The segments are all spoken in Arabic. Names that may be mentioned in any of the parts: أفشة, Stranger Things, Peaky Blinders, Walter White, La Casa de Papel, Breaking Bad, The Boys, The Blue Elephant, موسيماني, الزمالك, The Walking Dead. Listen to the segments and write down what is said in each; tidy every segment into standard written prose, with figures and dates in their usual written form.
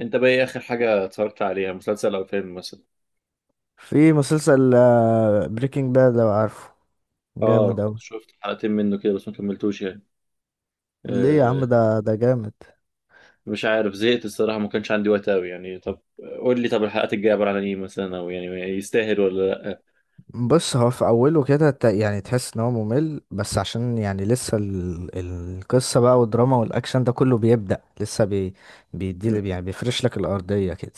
انت بقى ايه اخر حاجة اتفرجت عليها، مسلسل او فيلم مثلا؟ في مسلسل بريكنج باد، لو عارفه. جامد اه، اوي. شفت حلقتين منه كده بس ما كملتوش يعني. ليه يا عم؟ أه. ده جامد. مش عارف، زهقت الصراحة، ما كانش عندي وقت قوي يعني. طب قول لي، طب الحلقات الجاية عبارة عن ايه مثلا، او يعني يستاهل ولا لا؟ بص، هو في اوله كده يعني تحس ان هو ممل، بس عشان يعني لسه القصه بقى، والدراما والاكشن ده كله بيبدأ لسه مم. بيدي، يعني بيفرش لك الارضيه كده،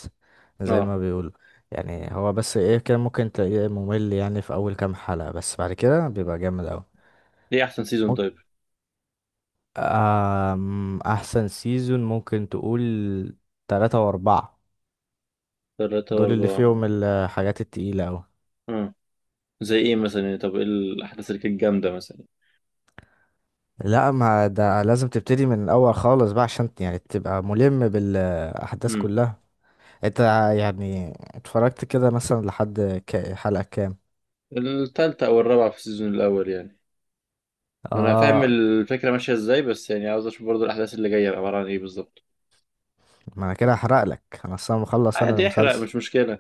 زي اه. ما بيقولوا. يعني هو بس ايه، كده ممكن تلاقيه ممل يعني في اول كام حلقه، بس بعد كده بيبقى جامد اوي. ايه احسن سيزون ممكن- طيب؟ احسن سيزون ممكن تقول تلاتة واربعة. ثلاثة دول اللي واربعة. فيهم الحاجات التقيلة أوي. اه. زي ايه مثلا يعني؟ طب ايه الاحداث اللي كانت جامدة مثلا؟ لا، ما ده لازم تبتدي من الأول خالص بقى، عشان يعني تبقى ملم بالأحداث امم. كلها. انت يعني اتفرجت كده مثلا لحد حلقة كام؟ التالتة او الرابعة في السيزون الاول يعني. انا فاهم اه، الفكرة ماشية ازاي، بس يعني عاوز اشوف برضو الاحداث اللي جاية عبارة عن ايه بالظبط. ما انا كده هحرق لك، انا اصلا مخلص انا عادي، احرق، المسلسل. مش مشكلة.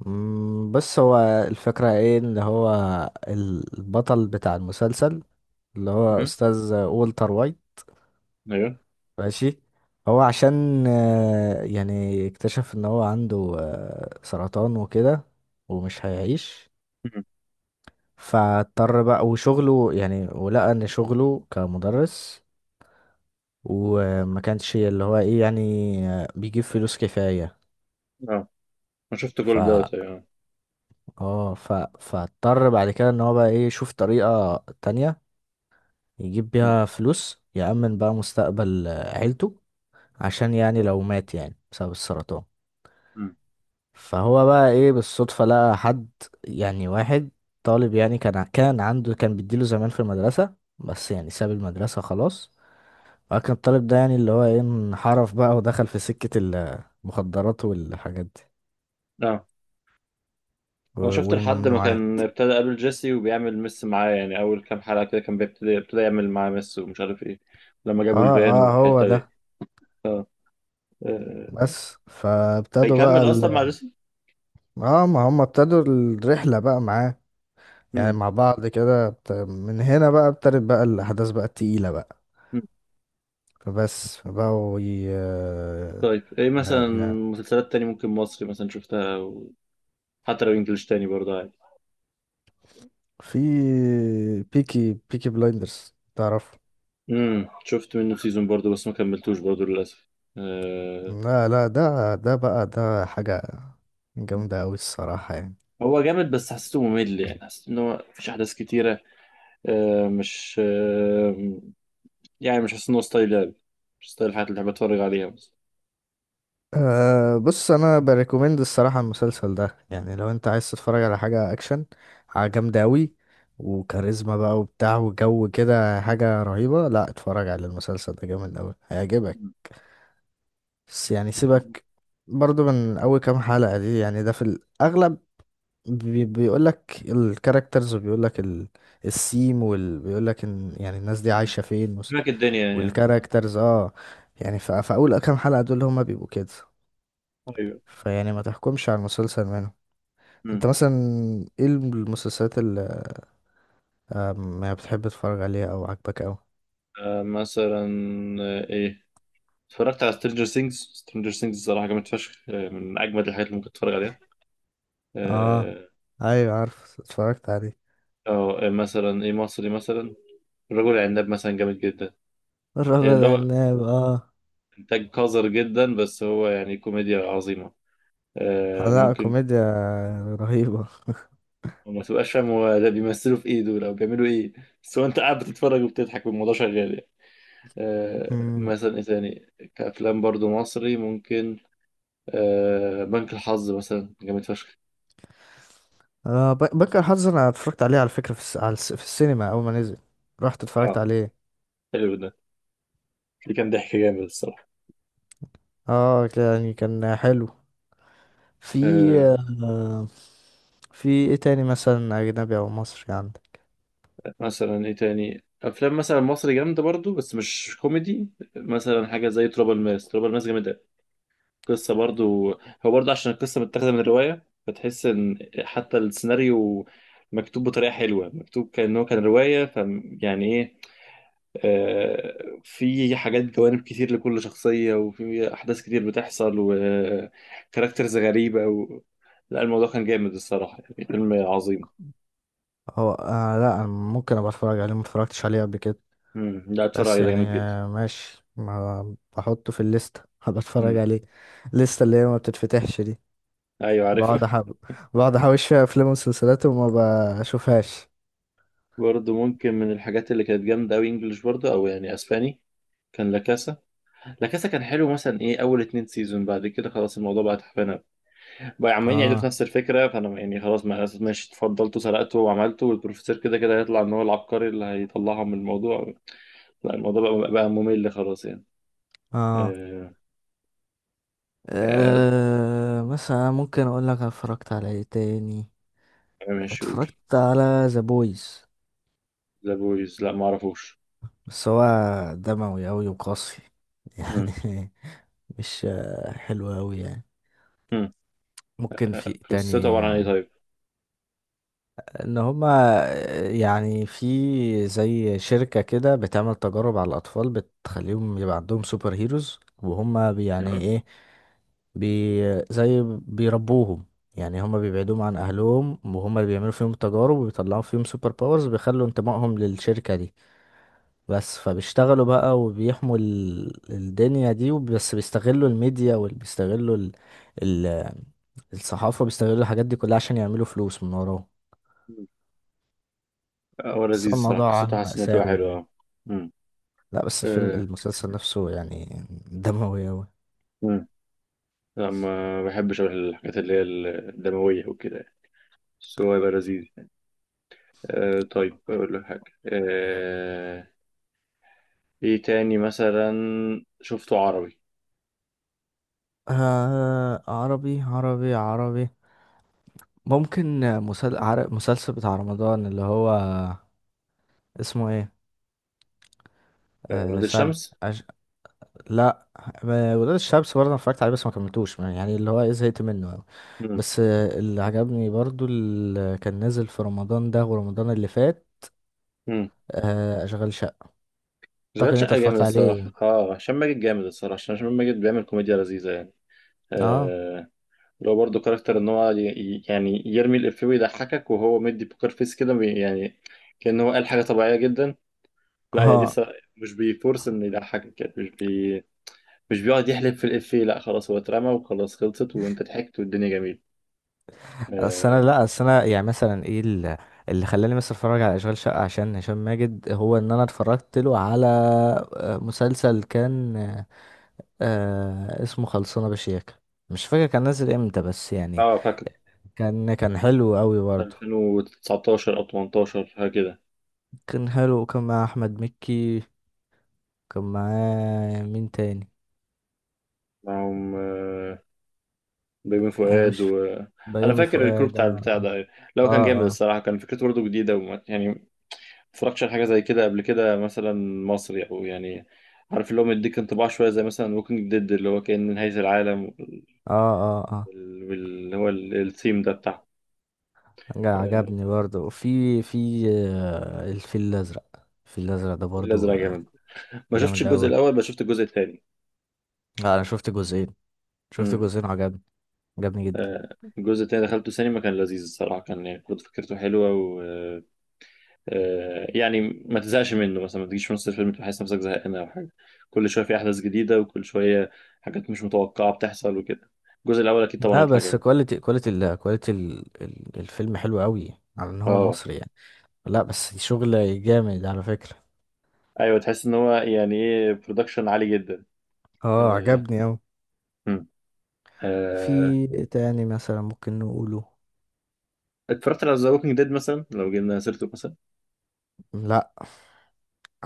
بص، هو الفكرة ايه، ان هو البطل بتاع المسلسل، اللي هو استاذ والتر وايت، ايوه. ماشي. هو عشان يعني اكتشف ان هو عنده سرطان وكده، ومش هيعيش. مم. فاضطر بقى، وشغله يعني، ولقى ان شغله كمدرس وما كانش اللي هو ايه، يعني بيجيب فلوس كفاية. اه، انا شفت ف كل دوت. ايوه. اه ف فاضطر بعد كده ان هو بقى ايه، يشوف طريقة تانية يجيب مم. بيها فلوس، يأمن بقى مستقبل عيلته، عشان يعني لو مات يعني بسبب السرطان. مم. فهو بقى ايه، بالصدفة لقى حد، يعني واحد طالب، يعني كان عنده، كان بيديله زمان في المدرسة، بس يعني ساب المدرسة خلاص. فكان الطالب ده، يعني اللي هو ايه، انحرف بقى ودخل في سكة المخدرات والحاجات دي، اه، انا شفت لحد ما والممنوعات. كان ابتدى قابل جيسي وبيعمل مس معاه، يعني اول كام حلقة كده كان بيبتدي ابتدى يعمل معاه مس ومش عارف ايه، لما جابوا اه الفان اه، هو والحتة دي. ده. اه. آه. بس فابتدوا بقى هيكمل اصلا مع جيسي؟ اه، ما هم ابتدوا الرحلة بقى معاه، يعني مم. مع بعض كده من هنا بقى ابتدت بقى الأحداث بقى التقيلة بقى. مم. فبس بقوا طيب ايه مثلا؟ يا- مسلسلات تاني ممكن، مصري مثلا شفتها و... حتى لو انجلش تاني برضه عادي. في بيكي بيكي بلايندرز، تعرف؟ شفت منه سيزون برضه بس ما كملتوش برضه للاسف. آه. لا لا، ده بقى، ده حاجة جامدة أوي الصراحة يعني. هو جامد بس حسيته ممل، يعني حسيت ان هو مفيش احداث كتيرة. مش يعني مش حاسس إن هو ستايل لعب. مش ستايل الحاجات اللي بحب أتفرج عليها مثلا. أه، بص، أنا بريكومند الصراحة المسلسل ده يعني، لو أنت عايز تتفرج على حاجة أكشن، حاجة جامدة أوي، وكاريزما بقى وبتاع وجو كده، حاجة رهيبة. لا اتفرج على المسلسل ده، جامد أوي، هيعجبك. مم. بس يعني أكيد. سيبك برضو من أول كام حلقة دي، يعني ده في الأغلب بيقول لك الكاركترز، وبيقول لك السيم بيقول لك ان يعني الناس دي مم. عايشة فين هناك الدنيا يعني. والكاركترز، اه. يعني فاول كام حلقة دول هما بيبقوا كده، أيوه. فيعني ما تحكمش على المسلسل منهم. مم. انت مثلا ايه المسلسلات اللي يعني بتحب تتفرج عليها او عاجبك اوي؟ مثلا إيه، اتفرجت على سترينجر سينجز سترينجر سينجز، الصراحة جامد فشخ، من أجمد الحاجات اللي ممكن تتفرج عليها. اه، أه. ايوه، عارف، اتفرجت عليه. أو مثلا إيه مصري مثلا؟ الرجل العناب مثلا جامد جدا. الرجل يعني اللي هو، العناب، اه. إنتاج قذر جدا بس هو يعني كوميديا عظيمة. لا، ممكن. كوميديا رهيبة. وما تبقاش فاهم هو ده بيمثلوا في ايه دول او بيعملوا ايه، بس هو انت قاعد بتتفرج وبتضحك والموضوع شغال يعني. مم. مثلا ايه تاني؟ كافلام برضو مصري ممكن، بنك الحظ مثلا جامد فشخ. آه، بنكر حظ، انا اتفرجت عليه على فكرة في السينما اول ما نزل، رحت اه، اتفرجت عليه. حلو ده. دي كان ضحك جامد الصراحه. اه يعني كان حلو. في، آه آه، في ايه تاني مثلا، اجنبي او مصري، عندك؟ مثلا ايه تاني افلام مثلا مصري جامده برضو بس مش كوميدي؟ مثلا حاجه زي تراب الماس، تراب الماس جامد. قصة برضو، هو برضو عشان القصة متاخدة من الرواية فتحس إن حتى السيناريو مكتوب بطريقة حلوة، مكتوب كأنه كان رواية ف... يعني إيه، في حاجات، جوانب كتير لكل شخصية، وفي أحداث كتير بتحصل وكاركترز غريبة و... لا الموضوع كان جامد الصراحة يعني، فيلم عظيم. هو آه، لا، انا ممكن ابقى اتفرج عليه، ما اتفرجتش عليه قبل كده. مم. لا اتفرج بس عليه، ده يعني جامد جدا. آه ماشي، ما بحطه في الليستة هبقى اتفرج مم. عليه. الليستة اللي هي ما بتتفتحش دي، أيوة بقعد عارف. احب، بقعد احوش فيها افلام ومسلسلات وما بشوفهاش. برضو ممكن من الحاجات اللي كانت جامدة أوي إنجلش برضو، أو يعني أسباني، كان لا كاسا. لا كاسا كان حلو، مثلا ايه، اول اتنين سيزون، بعد كده خلاص الموضوع بقى تعبان أوي. بقى عمالين يعيدوا في اه نفس الفكره، فانا يعني خلاص، ما ماشي، اتفضلتوا سرقتوا وعملتوا، والبروفيسور كده كده هيطلع ان هو العبقري اللي هيطلعهم من الموضوع. لا الموضوع بقى ممل خلاص يعني. اه آه... آه... أه مثلا ممكن اقول لك أنا اتفرجت على ايه تاني. ماشي، قول. اتفرجت على ذا بويز، ذا بويز، لا ما اعرفوش. بس هو دموي اوي وقاسي. مم. يعني مش آه، حلو اوي يعني. مم. ممكن في إيه قصته تاني. عباره عن ايه طيب؟ ان هما يعني في زي شركة كده بتعمل تجارب على الاطفال، بتخليهم يبقى عندهم سوبر هيروز، وهما يعني أه. ايه، بي زي بيربوهم يعني، هما بيبعدوهم عن اهلهم، وهما اللي بيعملوا فيهم تجارب وبيطلعوا فيهم سوبر باورز، بيخلوا انتمائهم للشركة دي بس. فبيشتغلوا بقى وبيحموا الدنيا دي، بس بيستغلوا الميديا وبيستغلوا ال- الصحافة، بيستغلوا الحاجات دي كلها عشان يعملوا فلوس من وراهم. مم. هو بس لذيذ هو الصراحه، الموضوع قصته حاسس انها تبقى مأساوي حلوه. يعني. اه. مم. لا، بس الفيلم، آه. المسلسل نفسه يعني، دموي أوي. مم. لا ما بحبش الحاجات اللي هي الدمويه وكده يعني. بس هو يبقى لذيذ. طيب أقول لك حاجة، إيه تاني مثلا؟ شفته عربي؟ آه، عربي عربي عربي، ممكن مسلسل بتاع رمضان، اللي هو اسمه ايه، آه، ولاد ثاني، الشمس. أش... لا، ولاد الشمس برضه انا اتفرجت عليه، بس ما كملتوش، يعني اللي هو ايه، زهقت منه أوي. مم. بس آه، اللي عجبني برضه اللي كان نازل في رمضان ده ورمضان اللي فات، مم. آه، اشغال شقة. اعتقد اشغال إن انت شقة جامد اتفرجت عليه. الصراحة، هشام ماجد جامد الصراحة، عشان هشام ماجد بيعمل كوميديا لذيذة يعني. اه آه لو برضه كاركتر إن هو يعني يرمي الإفيه ويضحكك وهو مدي بوكر فيس كده يعني كأنه هو قال حاجة طبيعية جدا. لا يا دي اه. الصراحة، مش بيفورس إن يضحكك، يعني مش بيقعد يحلب في الإفيه، لا خلاص، هو اترمى وخلاص، خلصت وأنت ضحكت والدنيا جميلة. اصل آه. انا، لا، اصل انا يعني مثلا ايه، اللي خلاني مثلا اتفرج على اشغال شقه عشان هشام ماجد، هو ان انا اتفرجت له على آه، مسلسل كان آه، اسمه خلصانه بشياكه، مش فاكر كان نازل امتى، بس يعني اه فاكر. كان حلو قوي برضه، 2019 او 18 هكذا. كان حلو، وكان مع احمد مكي. كان معاه مين تاني؟ معاهم آه، بيومي انا فؤاد مش، و... انا بيومي فاكر الكروب فؤاد، بتاع البتاع ده، لو كان جامد اه الصراحه، كان فكرته برضه جديده، وما يعني ما اتفرجتش على حاجه زي كده قبل كده مثلا، مصري او يعني، عارف اللي هو مديك انطباع شويه زي مثلا ووكينج ديد اللي هو كان نهايه العالم، اه اه اه الثيم ده بتاع... آه، عجبني برضه في آه، الفيل الازرق، الفيل الازرق ده الازرق برضه جامد. ما شفتش جامد الجزء أوي. الاول بس شفت الجزء الثاني. لا، أنا شفت جزئين، شفت امم. جزئين وعجبني، عجبني جدا. آه، الجزء التاني دخلته سينما، كان لذيذ الصراحة، كان يعني برضه فكرته حلوة، يعني ما تزهقش منه مثلا، ما تجيش في نص الفيلم تحس نفسك زهقان او حاجه، كل شويه في احداث جديده، وكل شويه حاجات مش متوقعه بتحصل وكده. الجزء الاول اكيد طبعا لا، هيطلع بس جامد. كواليتي، كواليتي ال كواليتي ال ال الفيلم حلو أوي على إن هو اه. مصري يعني. لا، بس شغل جامد على فكرة. ايوه تحس ان هو يعني ايه، برودكشن عالي جدا. اه، آه. عجبني أوي. هم. في آه. إيه تاني مثلا ممكن نقوله؟ اتفرجت على ذا ووكينج ديد مثلا؟ لو جبنا سيرته مثلا، لا،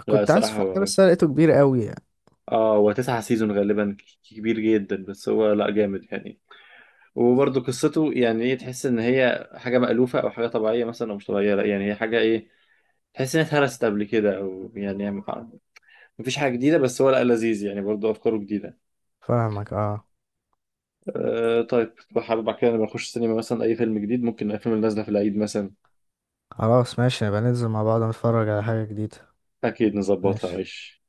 لا كنت عايز الصراحه أتفرج عليه هو، بس أنا لقيته كبير أوي يعني. اه هو تسعة سيزون غالبا، كبير جدا بس هو لا جامد يعني، وبرضه قصته يعني ايه، تحس ان هي حاجه مألوفه او حاجه طبيعيه مثلا او مش طبيعيه، لا يعني هي حاجه ايه، تحس انها اتهرست قبل كده او يعني مفيش حاجه جديده، بس هو لا لذيذ يعني برضه افكاره جديده. فاهمك، اه. طيب حابب بعد كده لما نخش السينما مثلا اي فيلم جديد، ممكن الافلام اللي نازله في العيد مثلا. خلاص، ماشي، نبقى ننزل مع بعض نتفرج على حاجة جديدة. اكيد نظبطها ماشي. عيش.